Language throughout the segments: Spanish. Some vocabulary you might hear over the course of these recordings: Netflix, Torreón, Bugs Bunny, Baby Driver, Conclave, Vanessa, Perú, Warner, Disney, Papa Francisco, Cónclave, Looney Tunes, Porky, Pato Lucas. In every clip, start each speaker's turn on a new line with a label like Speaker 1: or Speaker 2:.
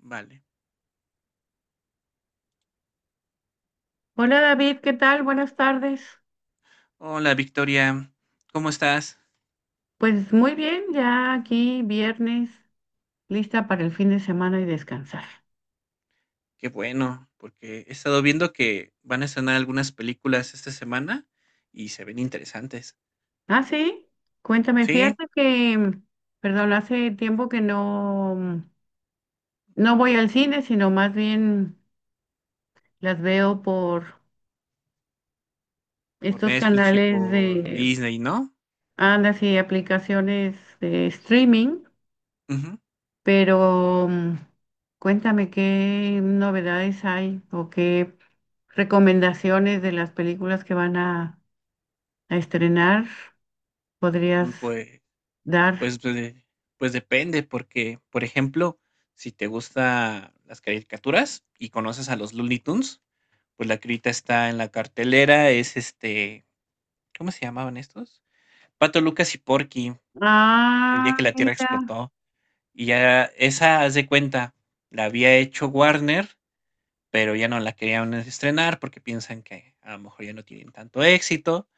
Speaker 1: Vale.
Speaker 2: Hola David, ¿qué tal? Buenas tardes.
Speaker 1: Hola, Victoria, ¿cómo estás?
Speaker 2: Pues muy bien, ya aquí viernes, lista para el fin de semana y descansar.
Speaker 1: Qué bueno, porque he estado viendo que van a estrenar algunas películas esta semana y se ven interesantes.
Speaker 2: Ah, sí, cuéntame,
Speaker 1: Sí,
Speaker 2: fíjate que, perdón, hace tiempo que no voy al cine, sino más bien las veo por
Speaker 1: por
Speaker 2: estos
Speaker 1: Netflix y
Speaker 2: canales
Speaker 1: por
Speaker 2: de,
Speaker 1: Disney, ¿no?
Speaker 2: anda, sí, aplicaciones de streaming.
Speaker 1: Ujú.
Speaker 2: Pero cuéntame qué novedades hay o qué recomendaciones de las películas que van a estrenar podrías
Speaker 1: Pues,
Speaker 2: dar.
Speaker 1: pues, pues, de- pues depende, porque, por ejemplo, si te gustan las caricaturas y conoces a los Looney Tunes, pues la que ahorita está en la cartelera es ¿cómo se llamaban estos? Pato Lucas y Porky, el día que
Speaker 2: Ah,
Speaker 1: la Tierra
Speaker 2: mira.
Speaker 1: explotó. Y ya esa, haz de cuenta, la había hecho Warner, pero ya no la querían estrenar porque piensan que a lo mejor ya no tienen tanto éxito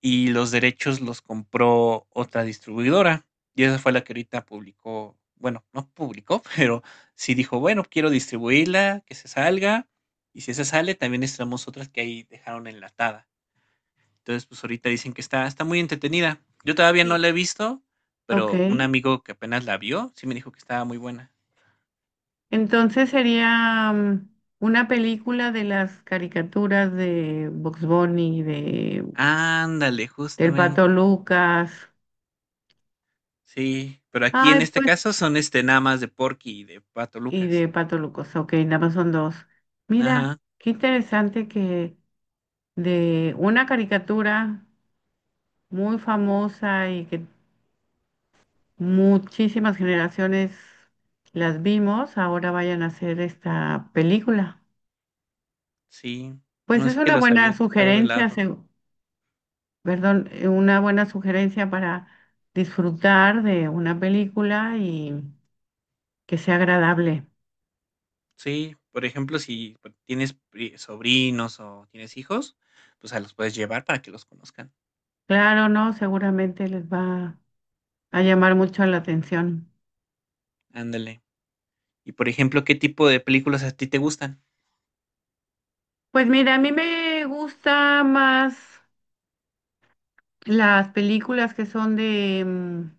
Speaker 1: y los derechos los compró otra distribuidora. Y esa fue la que ahorita publicó, bueno, no publicó, pero sí dijo, bueno, quiero distribuirla, que se salga. Y si esa sale, también estrenamos otras que ahí dejaron enlatada. Entonces, pues ahorita dicen que está muy entretenida. Yo todavía no
Speaker 2: Sí.
Speaker 1: la he visto,
Speaker 2: Ok.
Speaker 1: pero un amigo que apenas la vio, sí me dijo que estaba muy buena.
Speaker 2: Entonces sería una película de las caricaturas de Bugs Bunny, de,
Speaker 1: Ándale,
Speaker 2: del
Speaker 1: justamente.
Speaker 2: Pato Lucas.
Speaker 1: Sí, pero aquí en
Speaker 2: Ay,
Speaker 1: este
Speaker 2: pues,
Speaker 1: caso son, nada más de Porky y de Pato
Speaker 2: y
Speaker 1: Lucas.
Speaker 2: de Pato Lucas. Ok, nada más son dos. Mira,
Speaker 1: Ajá,
Speaker 2: qué interesante que de una caricatura muy famosa y que muchísimas generaciones las vimos, ahora vayan a hacer esta película.
Speaker 1: sí.
Speaker 2: Pues
Speaker 1: No
Speaker 2: es
Speaker 1: sé que
Speaker 2: una
Speaker 1: los
Speaker 2: buena
Speaker 1: habían dejado de
Speaker 2: sugerencia,
Speaker 1: lado.
Speaker 2: una buena sugerencia para disfrutar de una película y que sea agradable.
Speaker 1: Sí, por ejemplo, si p- sobrinos o tienes hijos, pues a los puedes llevar para que los conozcan.
Speaker 2: Claro, ¿no? Seguramente les va a llamar mucho la atención.
Speaker 1: Ándale. Y por ejemplo, ¿qué tipo de películas a ti te gustan?
Speaker 2: Pues mira, a mí me gusta más las películas que son de, mm,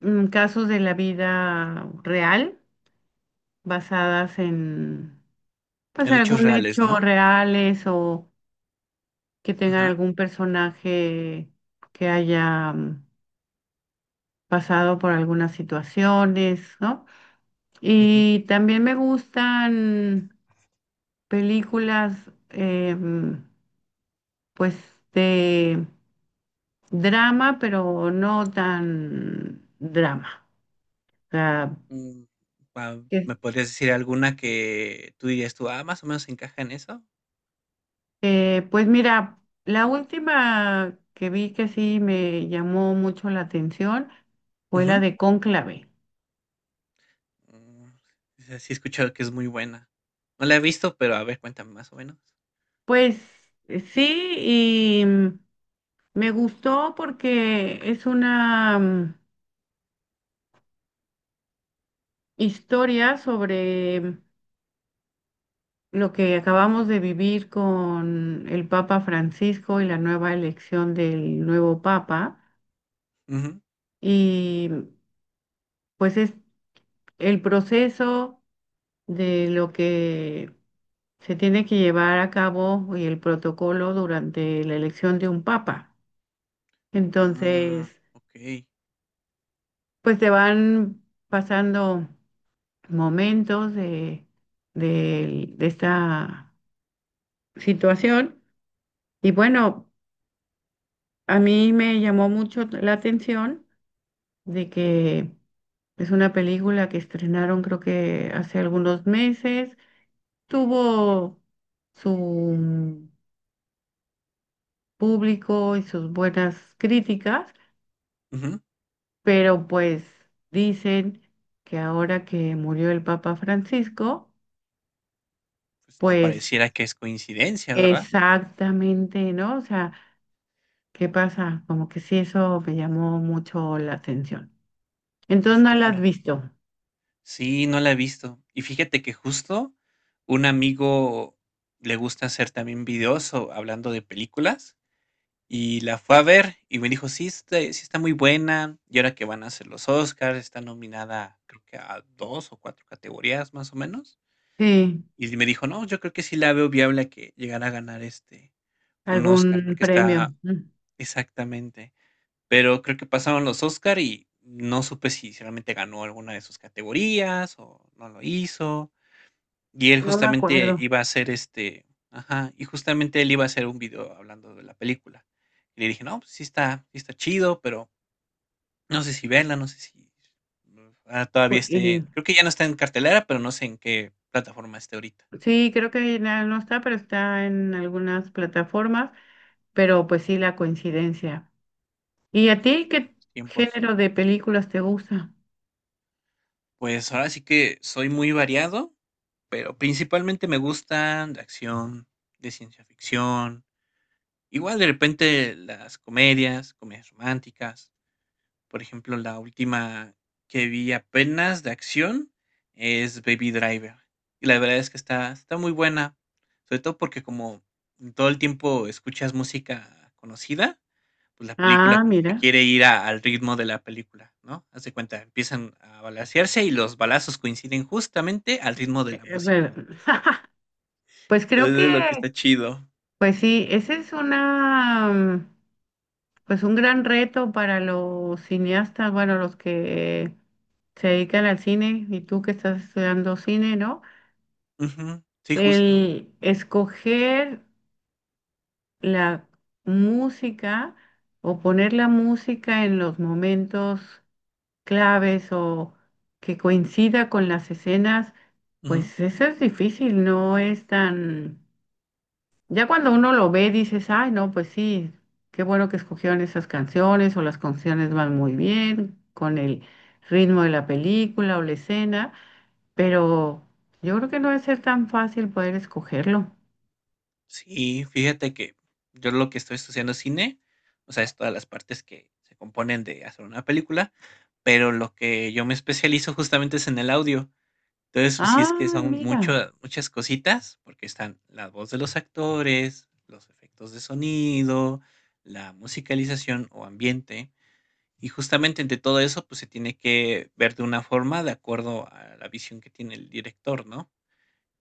Speaker 2: mm, casos de la vida real, basadas en, pues,
Speaker 1: En hechos
Speaker 2: algún
Speaker 1: reales,
Speaker 2: hecho
Speaker 1: ¿no?
Speaker 2: reales o que tengan
Speaker 1: Ajá.
Speaker 2: algún personaje que haya pasado por algunas situaciones, ¿no?
Speaker 1: Ujú.
Speaker 2: Y también me gustan películas, em, pues, de drama, pero no tan drama. O sea,
Speaker 1: Mm,
Speaker 2: que
Speaker 1: ¿Me podrías decir alguna que tú dirías más o menos encaja en eso?
Speaker 2: eh, pues mira, la última que vi que sí me llamó mucho la atención fue la
Speaker 1: Ujú.
Speaker 2: de Cónclave.
Speaker 1: Mm, esa sí he escuchado que es muy buena. No la he visto, pero a ver, cuéntame más o menos.
Speaker 2: Pues sí, y mm, me gustó porque es una historia sobre lo que acabamos de vivir con el Papa Francisco y la nueva elección del nuevo Papa.
Speaker 1: Ujú.
Speaker 2: Y pues es el proceso de lo que se tiene que llevar a cabo el protocolo durante la elección de un papa.
Speaker 1: Ah,
Speaker 2: Entonces,
Speaker 1: okey.
Speaker 2: pues te van pasando momentos de esta situación. Y bueno, a mí me llamó mucho la atención de que es una película que estrenaron creo que hace algunos meses. Tuvo su público y sus buenas críticas.
Speaker 1: Ujú.
Speaker 2: Pero pues dicen que ahora que murió el Papa Francisco,
Speaker 1: Pues no
Speaker 2: pues
Speaker 1: pareciera que es coincidencia, ¿verdad?
Speaker 2: exactamente, ¿no? O sea, ¿qué pasa? Como que sí, eso me llamó mucho la atención. Entonces
Speaker 1: Pues
Speaker 2: no la has
Speaker 1: claro.
Speaker 2: visto.
Speaker 1: Sí, no la he visto. Y fíjate que justo un amigo le gusta hacer también videos o hablando de películas, y la fue a ver y me dijo: "Sí, está muy buena, y ahora que van a hacer los Óscars, está nominada, creo que a 2 o 4 categorías, más o menos".
Speaker 2: Sí,
Speaker 1: Y me dijo: "No, yo creo que sí la veo viable a que llegara a ganar, un Oscar
Speaker 2: algún
Speaker 1: porque
Speaker 2: premio.
Speaker 1: está" exactamente. Pero creo que pasaron los Oscar y no supe si realmente ganó alguna de sus categorías o no lo hizo. Y él
Speaker 2: No me
Speaker 1: justamente
Speaker 2: acuerdo.
Speaker 1: iba a hacer, este ajá, y justamente él iba a hacer un video hablando de la película. Y le dije: "No, pues sí está chido, pero no sé si verla, no sé si, todavía esté"
Speaker 2: Y
Speaker 1: creo que ya no está en cartelera, pero no sé en qué plataforma esté ahorita,
Speaker 2: sí, creo que no está, pero está en algunas plataformas, pero pues sí, la coincidencia. ¿Y a ti qué
Speaker 1: los tiempos.
Speaker 2: género de películas te gusta?
Speaker 1: Pues ahora sí que soy muy variado, pero principalmente me gustan de acción, de ciencia ficción, igual de repente las comedias, comedias románticas. Por ejemplo, la última que vi apenas de acción es Baby Driver. Y la verdad es que está muy buena, sobre todo porque como todo el tiempo escuchas música conocida, pues, la película
Speaker 2: Ah,
Speaker 1: como que
Speaker 2: mira.
Speaker 1: quiere ir a al ritmo de la película, ¿no? Haz de cuenta, empiezan a balacearse y los balazos coinciden justamente al ritmo de la música.
Speaker 2: Ver- Pues creo que,
Speaker 1: Entonces, es lo que está chido.
Speaker 2: pues sí, ese es una pues un gran reto para los cineastas, bueno, los que se dedican al cine y tú que estás estudiando cine, ¿no?
Speaker 1: Ujú, sí, justo.
Speaker 2: El escoger la música o poner la música en los momentos claves o que coincida con las escenas,
Speaker 1: Ujú.
Speaker 2: pues eso es difícil, no es tan ya cuando uno lo ve, dices, ay, no, pues sí, qué bueno que escogieron esas canciones o las canciones van muy bien con el ritmo de la película o la escena, pero yo creo que no debe ser tan fácil poder escogerlo.
Speaker 1: Sí, fíjate que yo lo que estoy estudiando es cine, o sea, es todas las partes que se componen de hacer una película, pero lo que yo me especializo justamente es en el audio. Entonces, pues sí es que
Speaker 2: Ah,
Speaker 1: son
Speaker 2: mira.
Speaker 1: mucho muchas cositas, porque están la voz de los actores, los efectos de sonido, la musicalización o ambiente, y justamente entre todo eso, pues se tiene que ver de una forma de acuerdo a la visión que tiene el director, ¿no?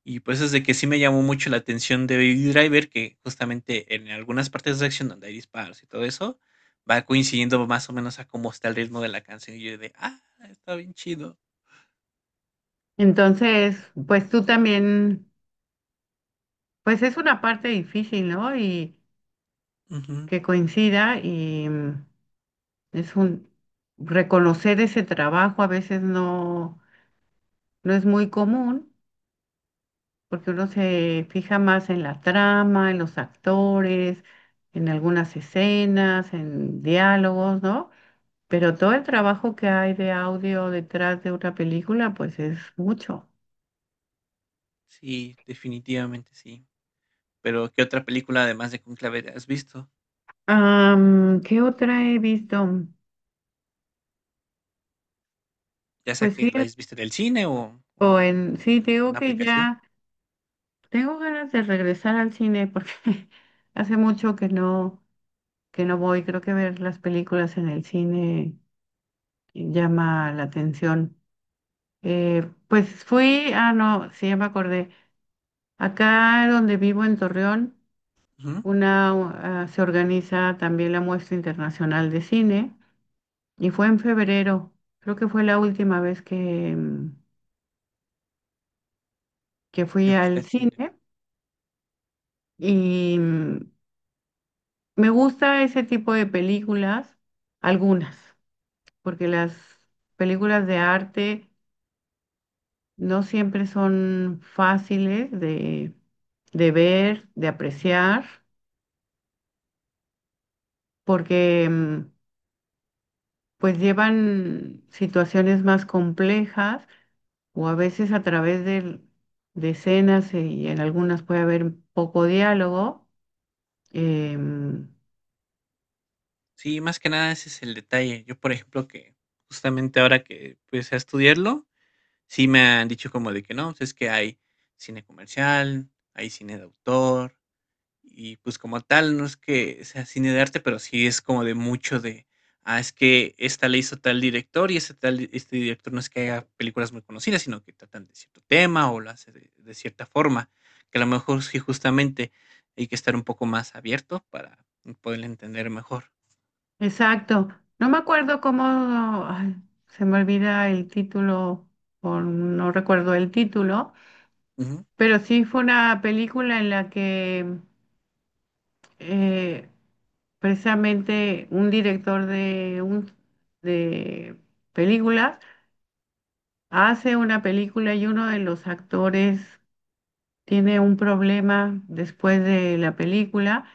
Speaker 1: Y pues es de que sí me llamó mucho la atención de Baby Driver, que justamente en algunas partes de acción donde hay disparos y todo eso, va coincidiendo más o menos a cómo está el ritmo de la canción. Está bien chido.
Speaker 2: Entonces, pues tú también, pues es una parte difícil, ¿no? Y
Speaker 1: Ujú.
Speaker 2: que coincida y es un reconocer ese trabajo a veces no es muy común. Porque uno se fija más en la trama, en los actores, en algunas escenas, en diálogos, ¿no? Pero todo el trabajo que hay de audio detrás de una película, pues es mucho.
Speaker 1: Sí, definitivamente sí. Pero, ¿qué otra película, además de Conclave has visto?
Speaker 2: Am, ¿qué otra he visto?
Speaker 1: Ya sea
Speaker 2: Pues sí,
Speaker 1: que la hayas visto en el cine o
Speaker 2: o
Speaker 1: en
Speaker 2: en, sí, te digo
Speaker 1: una
Speaker 2: que
Speaker 1: aplicación.
Speaker 2: ya tengo ganas de regresar al cine porque hace mucho que que no voy. Creo que ver las películas en el cine llama la atención. Pues fui, ah, no, sí, ya me acordé. Acá donde vivo en Torreón,
Speaker 1: Ujú,
Speaker 2: se organiza también la muestra internacional de cine y fue en febrero. Creo que fue la última vez que, mm, que fui
Speaker 1: que fuiste
Speaker 2: al
Speaker 1: al cine.
Speaker 2: cine y me gusta ese tipo de películas, algunas, porque las películas de arte no siempre son fáciles de ver, de apreciar, porque pues llevan situaciones más complejas o a veces a través de escenas y en algunas puede haber poco diálogo. Em,
Speaker 1: Sí, más que nada ese es el detalle. Yo, por ejemplo, que justamente ahora que empecé a estudiarlo, sí me han dicho como de que no, pues es que hay cine comercial, hay cine de autor. Y, pues, como tal, no es que sea cine de arte, pero sí es como de mucho de, es que esta le hizo tal director y ese tal director no es que haga películas muy conocidas, sino que tratan de cierto tema o lo hace de cierta forma, que a lo mejor sí, justamente hay que estar un poco más abierto para poderle entender mejor.
Speaker 2: exacto. No me acuerdo cómo, ay, se me olvida el título o no recuerdo el título,
Speaker 1: Ujú.
Speaker 2: pero sí fue una película en la que eh, precisamente un director de películas hace una película y uno de los actores tiene un problema después de la película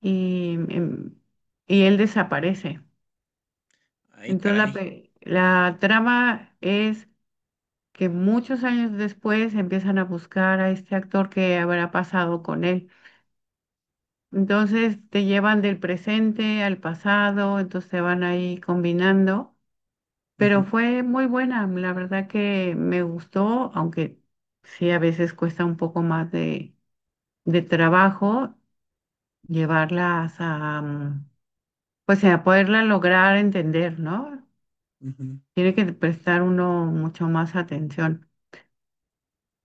Speaker 2: y y él desaparece.
Speaker 1: Ay,
Speaker 2: Entonces
Speaker 1: caray.
Speaker 2: la trama es que muchos años después empiezan a buscar a este actor que habrá pasado con él. Entonces te llevan del presente al pasado, entonces te van ahí combinando. Pero
Speaker 1: Ujú,
Speaker 2: fue muy buena, la verdad que me gustó, aunque sí a veces cuesta un poco más de trabajo llevarlas a pues a poderla lograr entender, ¿no?
Speaker 1: ujú.
Speaker 2: Tiene que prestar uno mucho más atención.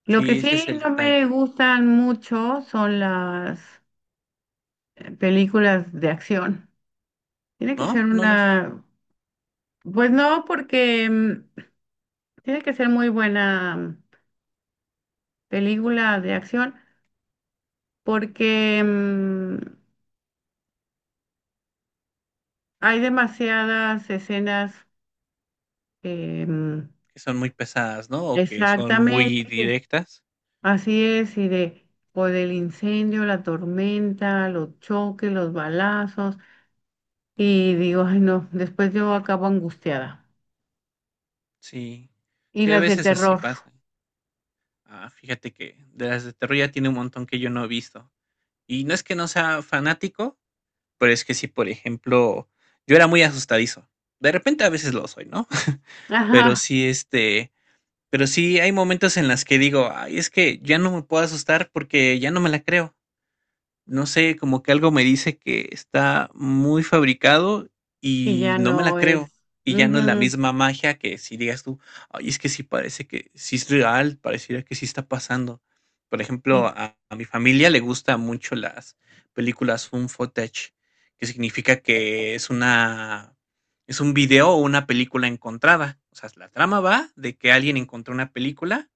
Speaker 2: Lo que
Speaker 1: Sí, ese es
Speaker 2: sí
Speaker 1: el
Speaker 2: no me
Speaker 1: detalle,
Speaker 2: gustan mucho son las películas de acción. Tiene que ser
Speaker 1: ¿no? No es
Speaker 2: una, pues no, porque tiene que ser muy buena película de acción. Porque hay demasiadas escenas eh, mm,
Speaker 1: que son muy pesadas, ¿no? O que son muy
Speaker 2: exactamente, que-
Speaker 1: directas.
Speaker 2: así es, y de, o del incendio, la tormenta, los choques, los balazos, y digo, ay no, después yo acabo angustiada.
Speaker 1: Sí,
Speaker 2: Y
Speaker 1: sí, a
Speaker 2: las de
Speaker 1: veces así
Speaker 2: terror,
Speaker 1: pasa. Ah, fíjate que de las de terror ya tiene un montón que yo no he visto. Y no es que no sea fanático, pero es que sí, por ejemplo, yo era muy asustadizo. De repente a veces lo soy, ¿no? Pero
Speaker 2: ajá,
Speaker 1: sí, pero sí hay momentos en las que digo, ay, es que ya no me puedo asustar porque ya no me la creo. No sé, como que algo me dice que está muy fabricado
Speaker 2: y
Speaker 1: y
Speaker 2: ya
Speaker 1: no me la
Speaker 2: no
Speaker 1: creo.
Speaker 2: es,
Speaker 1: Y ya no es la
Speaker 2: ujú,
Speaker 1: misma magia que si digas tú, ay, es que sí parece que sí es real, pareciera que sí está pasando. Por ejemplo,
Speaker 2: y,
Speaker 1: a mi familia le gustan mucho las películas found footage, que significa que es un video o una película encontrada. O sea, la trama va de que alguien encontró una película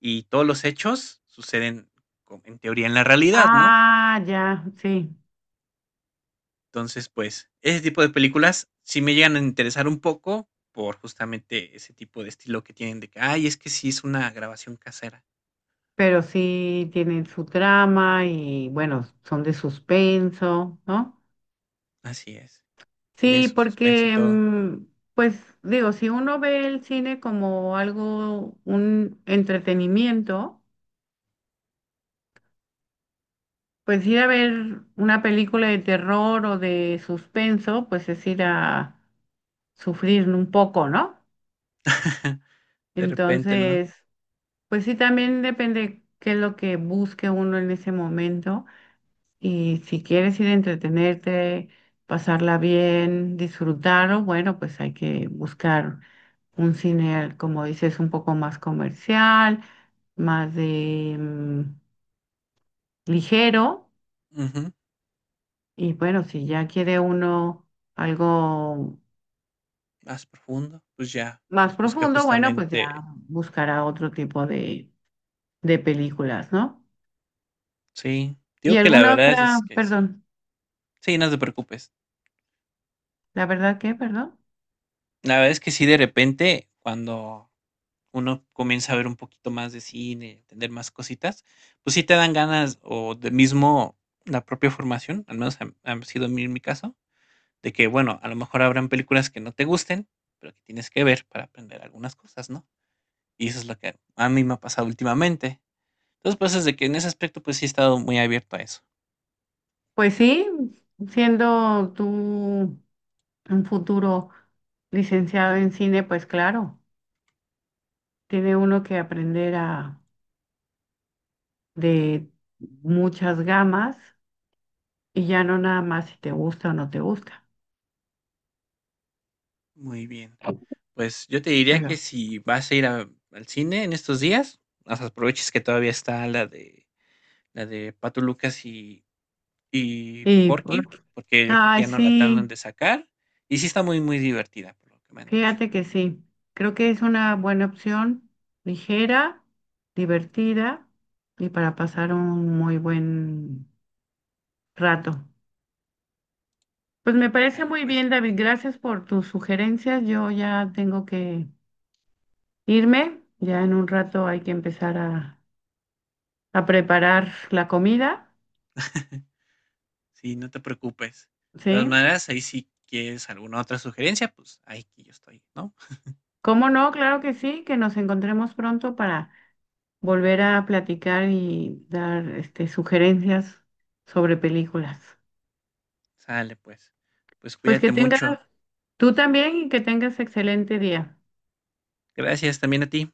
Speaker 1: y todos los hechos suceden, como en teoría, en la realidad, ¿no?
Speaker 2: ah, ya, sí.
Speaker 1: Entonces, pues, ese tipo de películas sí me llegan a interesar un poco por justamente ese tipo de estilo que tienen de que, ay, es que sí es una grabación casera.
Speaker 2: Pero sí tienen su trama y bueno, son de suspenso, ¿no?
Speaker 1: Así es. Tiene
Speaker 2: Sí,
Speaker 1: su suspenso y
Speaker 2: porque,
Speaker 1: todo.
Speaker 2: pues digo, si uno ve el cine como algo, un entretenimiento, pues ir a ver una película de terror o de suspenso, pues es ir a sufrir un poco, ¿no?
Speaker 1: De repente, ¿no?
Speaker 2: Entonces, pues sí, también depende qué es lo que busque uno en ese momento. Y si quieres ir a entretenerte, pasarla bien, disfrutarlo, bueno, pues hay que buscar un cine, como dices, un poco más comercial, más de ligero.
Speaker 1: Ujú.
Speaker 2: Y bueno, si ya quiere uno algo
Speaker 1: Más profundo. Pues ya,
Speaker 2: más
Speaker 1: pues busca
Speaker 2: profundo, bueno, pues
Speaker 1: justamente.
Speaker 2: ya buscará otro tipo de películas, ¿no?
Speaker 1: Sí.
Speaker 2: Y
Speaker 1: Digo que la
Speaker 2: alguna
Speaker 1: verdad
Speaker 2: otra,
Speaker 1: es que sí.
Speaker 2: perdón,
Speaker 1: Sí, no te preocupes.
Speaker 2: la verdad que, perdón.
Speaker 1: La verdad es que sí, de repente, cuando uno comienza a ver un poquito más de cine, entender más cositas, pues sí te dan ganas o de mismo la propia formación, al menos ha sido en mi caso, de que, bueno, a lo mejor habrán películas que no te gusten, pero que tienes que ver para aprender algunas cosas, ¿no? Y eso es lo que a mí me ha pasado últimamente. Entonces, pues es de que en ese aspecto, pues sí he estado muy abierto a eso.
Speaker 2: Pues sí, siendo tú un futuro licenciado en cine, pues claro, tiene uno que aprender a, de muchas gamas y ya no nada más si te gusta o no te gusta.
Speaker 1: Muy bien. Pues yo te diría que
Speaker 2: Pero-
Speaker 1: si vas a al cine en estos días, o sea, aproveches que todavía está la de Pato Lucas y Y
Speaker 2: y
Speaker 1: Porky,
Speaker 2: por-
Speaker 1: porque yo creo que
Speaker 2: ay,
Speaker 1: ya no la terminan
Speaker 2: sí,
Speaker 1: de sacar, y sí está muy, muy divertida, por lo que me han dicho.
Speaker 2: fíjate que sí. Creo que es una buena opción, ligera, divertida y para pasar un muy buen rato. Pues me parece
Speaker 1: Al
Speaker 2: muy
Speaker 1: pues.
Speaker 2: bien, David. Gracias por tus sugerencias. Yo ya tengo que irme. Ya en un rato hay que empezar a preparar la comida,
Speaker 1: Sí, no te preocupes. De todas
Speaker 2: ¿sí?
Speaker 1: maneras, ahí si quieres alguna otra sugerencia, pues ahí que yo estoy, ¿no?
Speaker 2: ¿Cómo no? Claro que sí, que nos encontremos pronto para volver a platicar y dar este, sugerencias sobre películas.
Speaker 1: Sale pues. Pues
Speaker 2: Pues que
Speaker 1: cuídate mucho.
Speaker 2: tengas tú también y que tengas excelente día.
Speaker 1: Gracias también a ti.